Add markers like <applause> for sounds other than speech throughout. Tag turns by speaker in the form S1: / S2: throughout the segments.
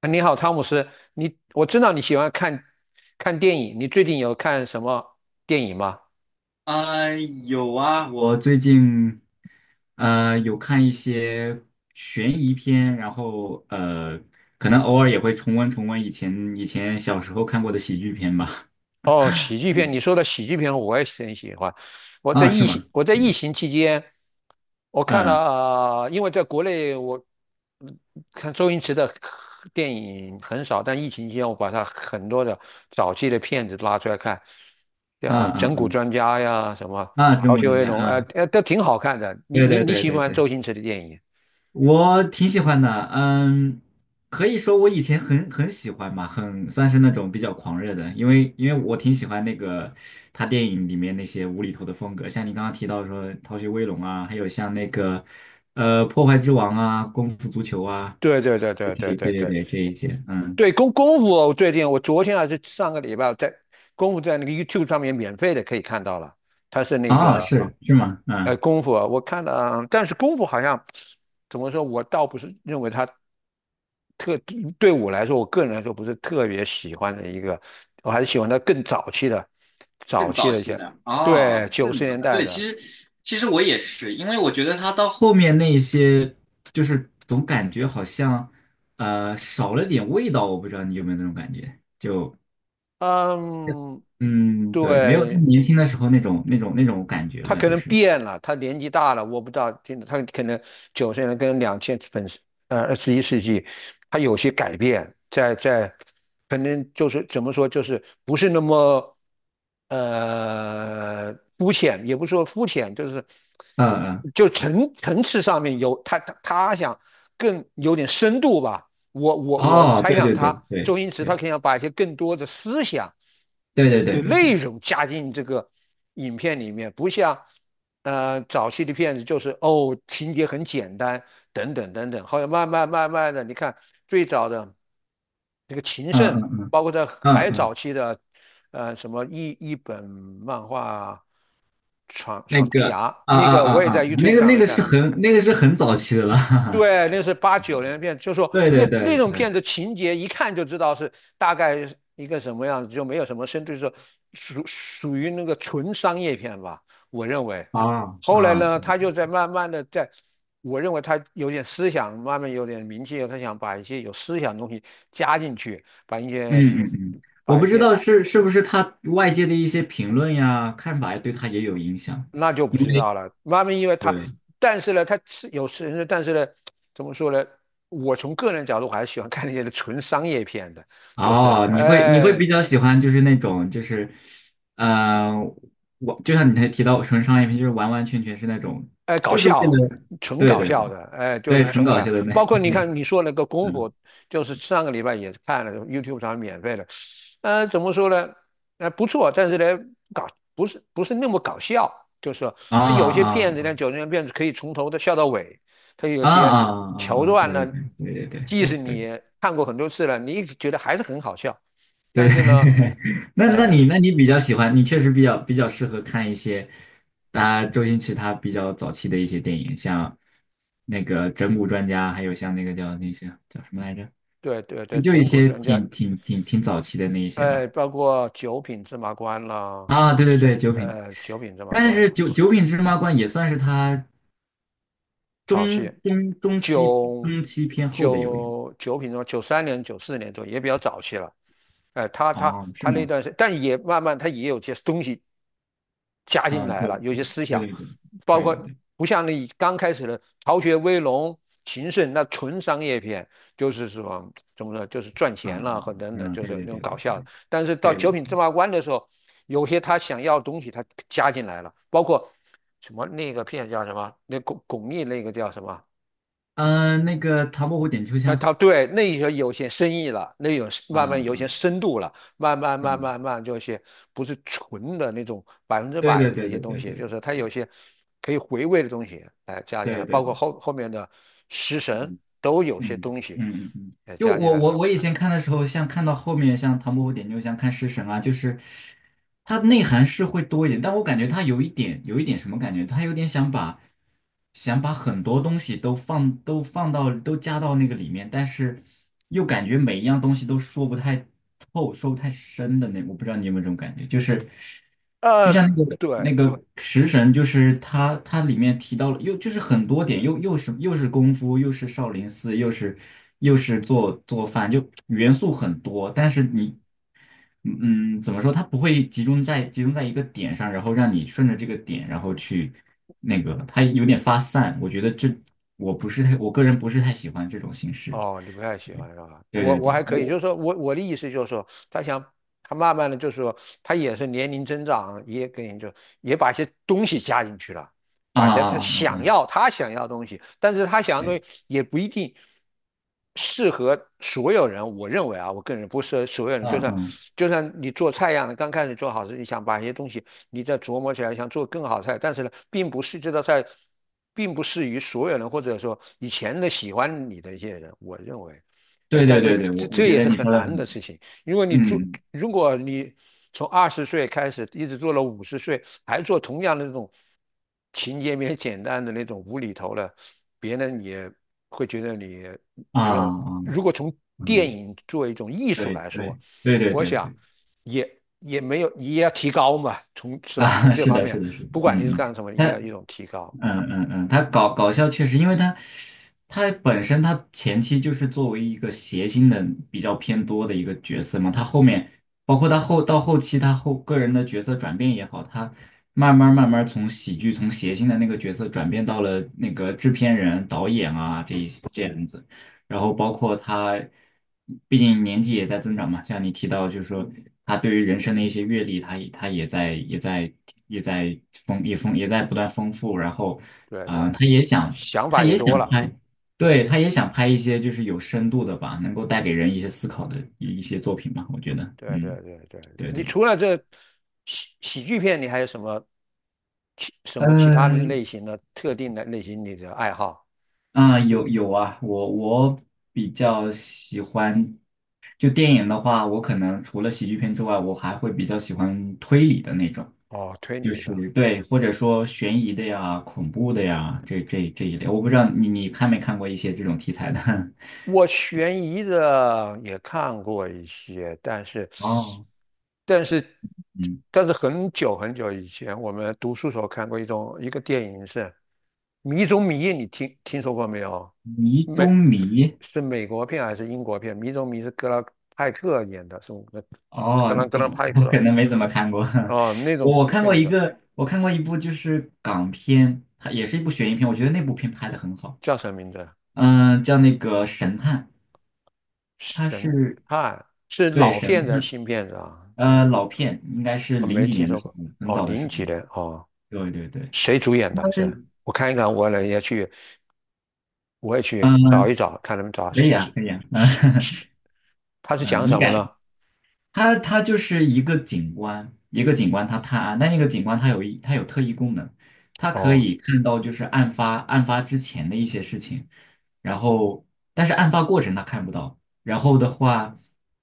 S1: 啊，你好，汤姆斯，我知道你喜欢看看电影，你最近有看什么电影吗？
S2: 啊、有啊，我最近有看一些悬疑片，然后，可能偶尔也会重温重温以前小时候看过的喜剧片吧。
S1: 哦，喜剧片，你说的喜剧片我也是很喜欢。
S2: <laughs>
S1: 我在
S2: 啊，是
S1: 疫
S2: 吗？
S1: 情我在疫
S2: 嗯
S1: 情期间，我看了，
S2: 嗯
S1: 因为在国内我嗯看周星驰的电影很少，但疫情期间我把他很多的早期的片子拉出来看，像
S2: 嗯嗯
S1: 《整蛊
S2: 嗯
S1: 专家》呀，什么
S2: 啊，中
S1: 《逃
S2: 国
S1: 学
S2: 专
S1: 威
S2: 家
S1: 龙》，
S2: 啊，
S1: 都挺好看的。你
S2: 对
S1: 你
S2: 对
S1: 你
S2: 对
S1: 喜不喜
S2: 对
S1: 欢
S2: 对。
S1: 周星驰的电影？
S2: 我挺喜欢的，嗯，可以说我以前很喜欢吧，很算是那种比较狂热的，因为我挺喜欢那个他电影里面那些无厘头的风格，像你刚刚提到说《逃学威龙》啊，还有像那个《破坏之王》啊，《功夫足球》啊，
S1: 对对对
S2: 对
S1: 对对
S2: 对
S1: 对
S2: 对
S1: 对。
S2: 对，这一些，嗯，
S1: 对，功夫，我最近我昨天还是上个礼拜我在功夫在那个 YouTube 上面免费的可以看到了，他是那
S2: 啊，
S1: 个
S2: 是吗？嗯。
S1: 功夫，我看了啊。但是功夫好像怎么说，我倒不是认为他特对我来说，我个人来说不是特别喜欢的一个，我还是喜欢他更早期的，早
S2: 更
S1: 期
S2: 早
S1: 的一
S2: 期
S1: 些。
S2: 的啊，
S1: 对，九
S2: 更
S1: 十
S2: 早，
S1: 年代
S2: 对，其
S1: 的。
S2: 实其实我也是，因为我觉得他到后面那一些，就是总感觉好像少了点味道，我不知道你有没有那种感觉，就
S1: 嗯。
S2: 嗯，对，没有他
S1: 对，
S2: 年轻的时候那种感觉
S1: 他
S2: 了，
S1: 可
S2: 就
S1: 能
S2: 是
S1: 变了，他年纪大了，我不知道，听，他可能九十年跟两千本21世纪，他有些改变，在可能就是怎么说，就是不是那么呃肤浅，也不是说肤浅，就是
S2: 嗯嗯，
S1: 就层次上面有他想更有点深度吧。我
S2: 哦，
S1: 猜
S2: 对
S1: 想
S2: 对对
S1: 他，周
S2: 对
S1: 星驰他
S2: 对
S1: 肯定要把一些更多的思想
S2: 对对对
S1: 的
S2: 对
S1: 内
S2: 对，
S1: 容加进这个影片里面，不像早期的片子就是情节很简单等等等等。后来慢慢慢慢的，你看最早的这个情
S2: 嗯
S1: 圣，
S2: 嗯
S1: 包括在
S2: 嗯
S1: 还
S2: 嗯，
S1: 早期的什么一本漫画。闯
S2: 那
S1: 闯天
S2: 个
S1: 涯，
S2: 啊
S1: 那
S2: 啊
S1: 个
S2: 啊
S1: 我也在
S2: 啊，那
S1: YouTube
S2: 个
S1: 上
S2: 那
S1: 面
S2: 个
S1: 看
S2: 是
S1: 了。
S2: 很那个是很早期的了，<laughs> 哈哈，
S1: 对，那是89年的片，就说
S2: 对
S1: 那
S2: 对
S1: 那
S2: 对
S1: 种
S2: 对，
S1: 片子情节一看就知道是大概一个什么样子，就没有什么深度，就是属于那个纯商业片吧，我认为。
S2: 啊
S1: 后来
S2: 啊。
S1: 呢，他就在慢慢的在，我认为他有点思想，慢慢有点名气以后他想把一些有思想的东西加进去，把一
S2: 嗯
S1: 些。
S2: 嗯嗯，我不知道是不是他外界的一些评论呀、看法呀，对他也有影响，
S1: 那就不
S2: 因
S1: 知
S2: 为
S1: 道了。妈咪，因为他，
S2: 对
S1: 但是呢，他是有人的。但是呢，怎么说呢？我从个人角度，我还是喜欢看那些纯商业片的，就是
S2: 哦，你会
S1: 哎，
S2: 比较喜欢就是那种就是，呃，我就像你才提到纯商业片，就是完完全全是那种
S1: 哎，搞
S2: 就是为
S1: 笑，
S2: 了
S1: 纯
S2: 对
S1: 搞
S2: 对对
S1: 笑的，哎，就
S2: 对
S1: 是
S2: 纯
S1: 纯搞
S2: 搞
S1: 笑。
S2: 笑的那 <laughs>
S1: 包括你
S2: 那
S1: 看你说那个功
S2: 嗯
S1: 夫，就是上个礼拜也是看了 YouTube 上免费的。怎么说呢？不错。但是呢，搞不是不是那么搞笑，就是说
S2: 啊
S1: 他有些
S2: 啊
S1: 片子呢，
S2: 啊
S1: 九十年片子可以从头的笑到尾，他有
S2: 啊
S1: 些
S2: 啊啊
S1: 桥
S2: 啊，
S1: 段
S2: 对对
S1: 呢，
S2: 对对对
S1: 即
S2: 对
S1: 使
S2: 对对。
S1: 你看过很多次了，你觉得还是很好笑。
S2: 对，
S1: 但是呢，
S2: <laughs> 那那你
S1: 哎，
S2: 那你比较喜欢，你确实比较适合看一些，大家周星驰他比较早期的一些电影，像那个《整蛊专家》，还有像那个叫那些叫什么来着，
S1: 对对
S2: 就
S1: 对，
S2: 就一
S1: 整蛊
S2: 些
S1: 专家。
S2: 挺早期的那一些
S1: 哎，
S2: 吧。
S1: 包括九品芝麻官啦，
S2: 啊，对对对，
S1: 是
S2: 九品，
S1: 九品芝麻
S2: 但是
S1: 官
S2: 九品芝麻官也算是他
S1: 早期，
S2: 中中中期
S1: 九
S2: 中期偏后的有一部。
S1: 九品芝麻93年94年左右也比较早期了。哎，他他
S2: 哦，是
S1: 他那
S2: 吗？
S1: 段时，但也慢慢他也有些东西加进
S2: 啊，
S1: 来
S2: 对
S1: 了，有些思
S2: 对
S1: 想，
S2: 对对对
S1: 包
S2: 对对
S1: 括
S2: 对对，
S1: 不像那刚开始的逃学威龙、秦胜那纯商业片，就是什么怎么说，就是赚钱
S2: 啊，
S1: 了和等等，
S2: 嗯，
S1: 就
S2: 对
S1: 是
S2: 对
S1: 那种
S2: 对
S1: 搞
S2: 对
S1: 笑的。但是到九
S2: 对
S1: 品
S2: 对。
S1: 芝麻官的时候，有些他想要的东西他加进来了，包括什么那个片叫什么，那巩俐那个叫什么，
S2: 嗯、那个唐伯虎点秋
S1: 那
S2: 香，
S1: 他对那一些有些深意了，那有慢慢
S2: 嗯
S1: 有些
S2: 嗯
S1: 深度了，慢慢慢
S2: 嗯，
S1: 慢慢就是不是纯的那种百分之
S2: 对
S1: 百
S2: 对
S1: 的那
S2: 对
S1: 些
S2: 对
S1: 东
S2: 对
S1: 西，
S2: 对
S1: 就是他有些可以回味的东西，哎，加
S2: 对
S1: 进来，
S2: 对对
S1: 包括
S2: 对，
S1: 后面的食神
S2: 嗯
S1: 都有些
S2: 嗯
S1: 东西
S2: 嗯嗯嗯，
S1: 哎
S2: 就
S1: 加进
S2: 我
S1: 来
S2: 我
S1: 了。
S2: 我以前看的时候，像看到后面像唐伯虎点秋香、看食神啊，就是它内涵是会多一点，但我感觉它有一点什么感觉，它有点想把很多东西都加到那个里面，但是又感觉每一样东西都说不太透、说不太深的那，我不知道你有没有这种感觉，就是。就
S1: 呃，
S2: 像那个
S1: 对。
S2: 那个食神，就是它里面提到了，又就是很多点，又是功夫，又是少林寺，又是做做饭，就元素很多。但是你，嗯，怎么说？它不会集中在一个点上，然后让你顺着这个点，然后去那个，它有点发散。我觉得这我不是太，我个人不是太喜欢这种形式。
S1: 哦，你不太喜欢是吧？
S2: 对
S1: 我
S2: 对
S1: 我
S2: 对，
S1: 还可以，
S2: 我
S1: 就是说我的意思就是说，他慢慢的就是说，他也是年龄增长，也给你就也把一些东西加进去了。
S2: 啊
S1: 把一些
S2: 啊
S1: 他
S2: 啊啊
S1: 想
S2: 啊，
S1: 要他想要的东西，但是他想要的
S2: 对，
S1: 东西也不一定适合所有人。我认为啊，我个人不适合所有人。就
S2: 嗯
S1: 算
S2: 嗯，
S1: 就算你做菜一样的，刚开始做好时，你想把一些东西你再琢磨起来，想做更好菜。但是呢，并不是这道菜，并不适于所有人，或者说以前的喜欢你的一些人。我认为，哎，
S2: 对
S1: 但
S2: 对
S1: 是
S2: 对对，
S1: 这
S2: 我
S1: 这
S2: 觉
S1: 也
S2: 得
S1: 是
S2: 你
S1: 很
S2: 说的
S1: 难的
S2: 很。
S1: 事情。因为你做，
S2: 嗯
S1: 如果你从20岁开始一直做了50岁，还做同样的那种情节面简单的那种无厘头的，别人也会觉得你
S2: 啊
S1: 没有。
S2: 啊
S1: 如果从电
S2: 嗯，
S1: 影作为一种艺术
S2: 对
S1: 来说，
S2: 对对对
S1: 我
S2: 对
S1: 想
S2: 对
S1: 也没有，也要提高嘛，从是吧？从
S2: 啊，<laughs>
S1: 这
S2: 是
S1: 方
S2: 的，
S1: 面，
S2: 是的，是的，
S1: 不管你是
S2: 嗯嗯，
S1: 干什么，
S2: 他
S1: 也要一种提高。
S2: 嗯嗯嗯，他搞笑确实，因为他本身他前期就是作为一个谐星的比较偏多的一个角色嘛，他后面包括他到后期个人的角色转变也好，他慢慢从喜剧从谐星的那个角色转变到了那个制片人、导演啊这样子。然后包括他，毕竟年纪也在增长嘛，像你提到，就是说他对于人生的一些阅历，他也他也在也在也在丰也丰也在不断丰富，然后，
S1: 对
S2: 啊、
S1: 对，
S2: 他也想
S1: 想
S2: 他
S1: 法也
S2: 也
S1: 多
S2: 想
S1: 了。
S2: 拍，对，他也想拍一些就是有深度的吧，能够带给人一些思考的一些作品嘛，我觉得，
S1: 对
S2: 嗯，
S1: 对对对，
S2: 对
S1: 你
S2: 对，
S1: 除了这喜剧片，你还有什么什么其他
S2: 呃，
S1: 类型的特定的类型你的爱好？
S2: 啊、有啊，我比较喜欢，就电影的话，我可能除了喜剧片之外，我还会比较喜欢推理的那种，
S1: 哦，推
S2: 就
S1: 理的。
S2: 是对，或者说悬疑的呀、恐怖的呀，这一类。我不知道你看没看过一些这种题材的？
S1: 我悬疑的也看过一些，但是，
S2: <laughs> 哦，
S1: 但是，
S2: 嗯，
S1: 但是很久很久以前，我们读书时候看过一个电影是《迷踪迷》，你听说过没有？
S2: 迷
S1: 美
S2: 中迷，
S1: 是美国片还是英国片？《迷踪迷》是格兰派克演的，是格
S2: 哦，
S1: 格兰格兰派
S2: 我
S1: 克。
S2: 可能没怎么看过，
S1: 哦，那
S2: <laughs>
S1: 种
S2: 我看
S1: 推
S2: 过
S1: 理
S2: 一
S1: 的
S2: 个，我看过一部就是港片，它也是一部悬疑片，我觉得那部片拍的很好。
S1: 叫什么名字？
S2: 嗯、叫那个神探，他
S1: 神
S2: 是
S1: 探是
S2: 对
S1: 老
S2: 神
S1: 片子还是
S2: 探，
S1: 新片子啊？对。
S2: 老片应该是
S1: 我
S2: 零
S1: 没
S2: 几
S1: 听
S2: 年的
S1: 说
S2: 时
S1: 过。
S2: 候，很
S1: 哦，
S2: 早的时
S1: 零
S2: 候
S1: 几年哦，
S2: 对对对，
S1: 谁主演的？是我看一看，我呢也去，我也
S2: 嗯，
S1: 去找一找，看能不能找
S2: 可
S1: 是
S2: 以啊，
S1: 是
S2: 可以啊，<laughs>
S1: 是
S2: 嗯
S1: 是，他是
S2: 嗯
S1: 讲什么呢？
S2: 它就是一个警官，一个警官他探案，但那个警官他有一它有特异功能，他可
S1: 哦
S2: 以看到就是案发之前的一些事情，然后但是案发过程他看不到，然后的话，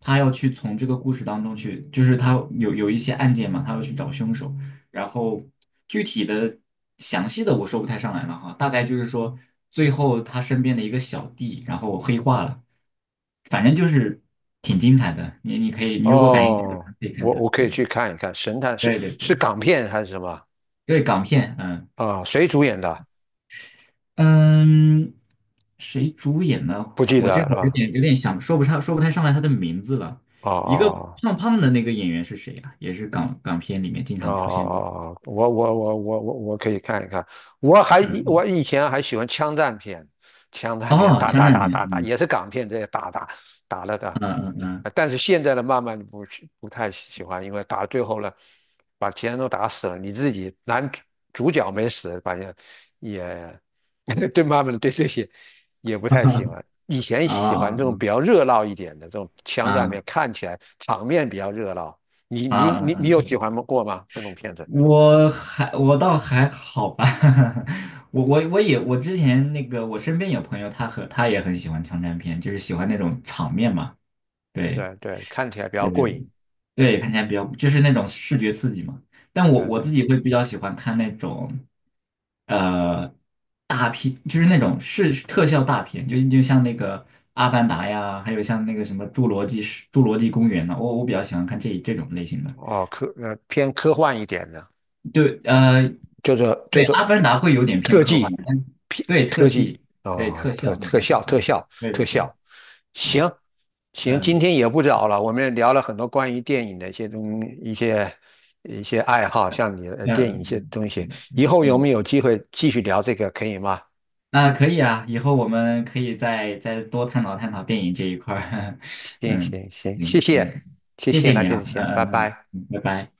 S2: 他要去从这个故事当中去，就是他有一些案件嘛，他要去找凶手，然后具体的详细的我说不太上来了哈，大概就是说最后他身边的一个小弟，然后黑化了，反正就是挺精彩的。你可以，你如果感兴趣的话
S1: 哦，
S2: 可以看
S1: 我
S2: 看。
S1: 我可以
S2: 对
S1: 去看一看，神探是
S2: 对对对，
S1: 是港片还是什么？
S2: 对港片，嗯
S1: 啊、谁主演的？
S2: 嗯，谁主演呢？
S1: 不记得
S2: 我这
S1: 了是
S2: 会儿有
S1: 吧？
S2: 点有点想说不太上来他的名字了。
S1: 哦哦
S2: 一个
S1: 哦。
S2: 胖胖的那个演员是谁啊？也是港片里面经
S1: 哦哦
S2: 常出现的。
S1: 哦，哦我可以看一看。我还我
S2: 嗯，
S1: 以前还喜欢枪战片，枪战片
S2: 哦，
S1: 打
S2: 枪
S1: 打
S2: 战
S1: 打
S2: 片，
S1: 打打，
S2: 嗯
S1: 也是港片这些打打打了打。
S2: 嗯嗯嗯。
S1: 但是现在的慢慢不太喜欢，因为打到最后了，把其他人都打死了，你自己主角没死，反正也 <laughs> 对慢慢的对这些也不太喜欢。以前
S2: 啊
S1: 喜欢这种比
S2: 啊
S1: 较热闹一点的这种枪战
S2: 啊
S1: 片，看起来场面比较热闹。你
S2: 啊
S1: 你
S2: 啊！
S1: 你你有
S2: 啊
S1: 喜欢过吗？这种片子？
S2: 我倒还好吧，<laughs> 我之前那个我身边有朋友，他也很喜欢枪战片，就是喜欢那种场面嘛，对
S1: 对对，看起来比较
S2: 对对
S1: 过
S2: 对，
S1: 瘾。
S2: 对，看起来比较就是那种视觉刺激嘛。但我
S1: 对
S2: 我自
S1: 对，
S2: 己会比较喜欢看那种呃大片，就是那种是特效大片，就像那个《阿凡达》呀，还有像那个什么《侏罗纪公园》呢，我比较喜欢看这种类型的。
S1: 哦，偏科幻一点的，
S2: 对，
S1: 就是
S2: 对，《阿凡达》会有点偏
S1: 特
S2: 科幻，
S1: 技，
S2: 但
S1: 偏
S2: 对特
S1: 特技。
S2: 技、对
S1: 哦，
S2: 特效，那对，对
S1: 特
S2: 对对
S1: 效。
S2: 对，
S1: 行行，今
S2: 嗯
S1: 天也不早了，我们也聊了很多关于电影的一些东一些一些爱好，像你的
S2: 嗯
S1: 电影一
S2: 嗯，
S1: 些
S2: 嗯
S1: 东
S2: 是
S1: 西。
S2: 的，
S1: 以后有
S2: 嗯，
S1: 没有机会继续聊这个，可以吗？
S2: 那可以啊，以后我们可以再多探讨探讨电影这一块儿，<laughs>
S1: 行
S2: 嗯
S1: 行行，谢
S2: 嗯
S1: 谢
S2: 嗯，
S1: 谢
S2: 谢
S1: 谢，
S2: 谢
S1: 那
S2: 你
S1: 就这
S2: 啊，嗯
S1: 些，拜
S2: 嗯嗯
S1: 拜。
S2: 嗯，拜拜。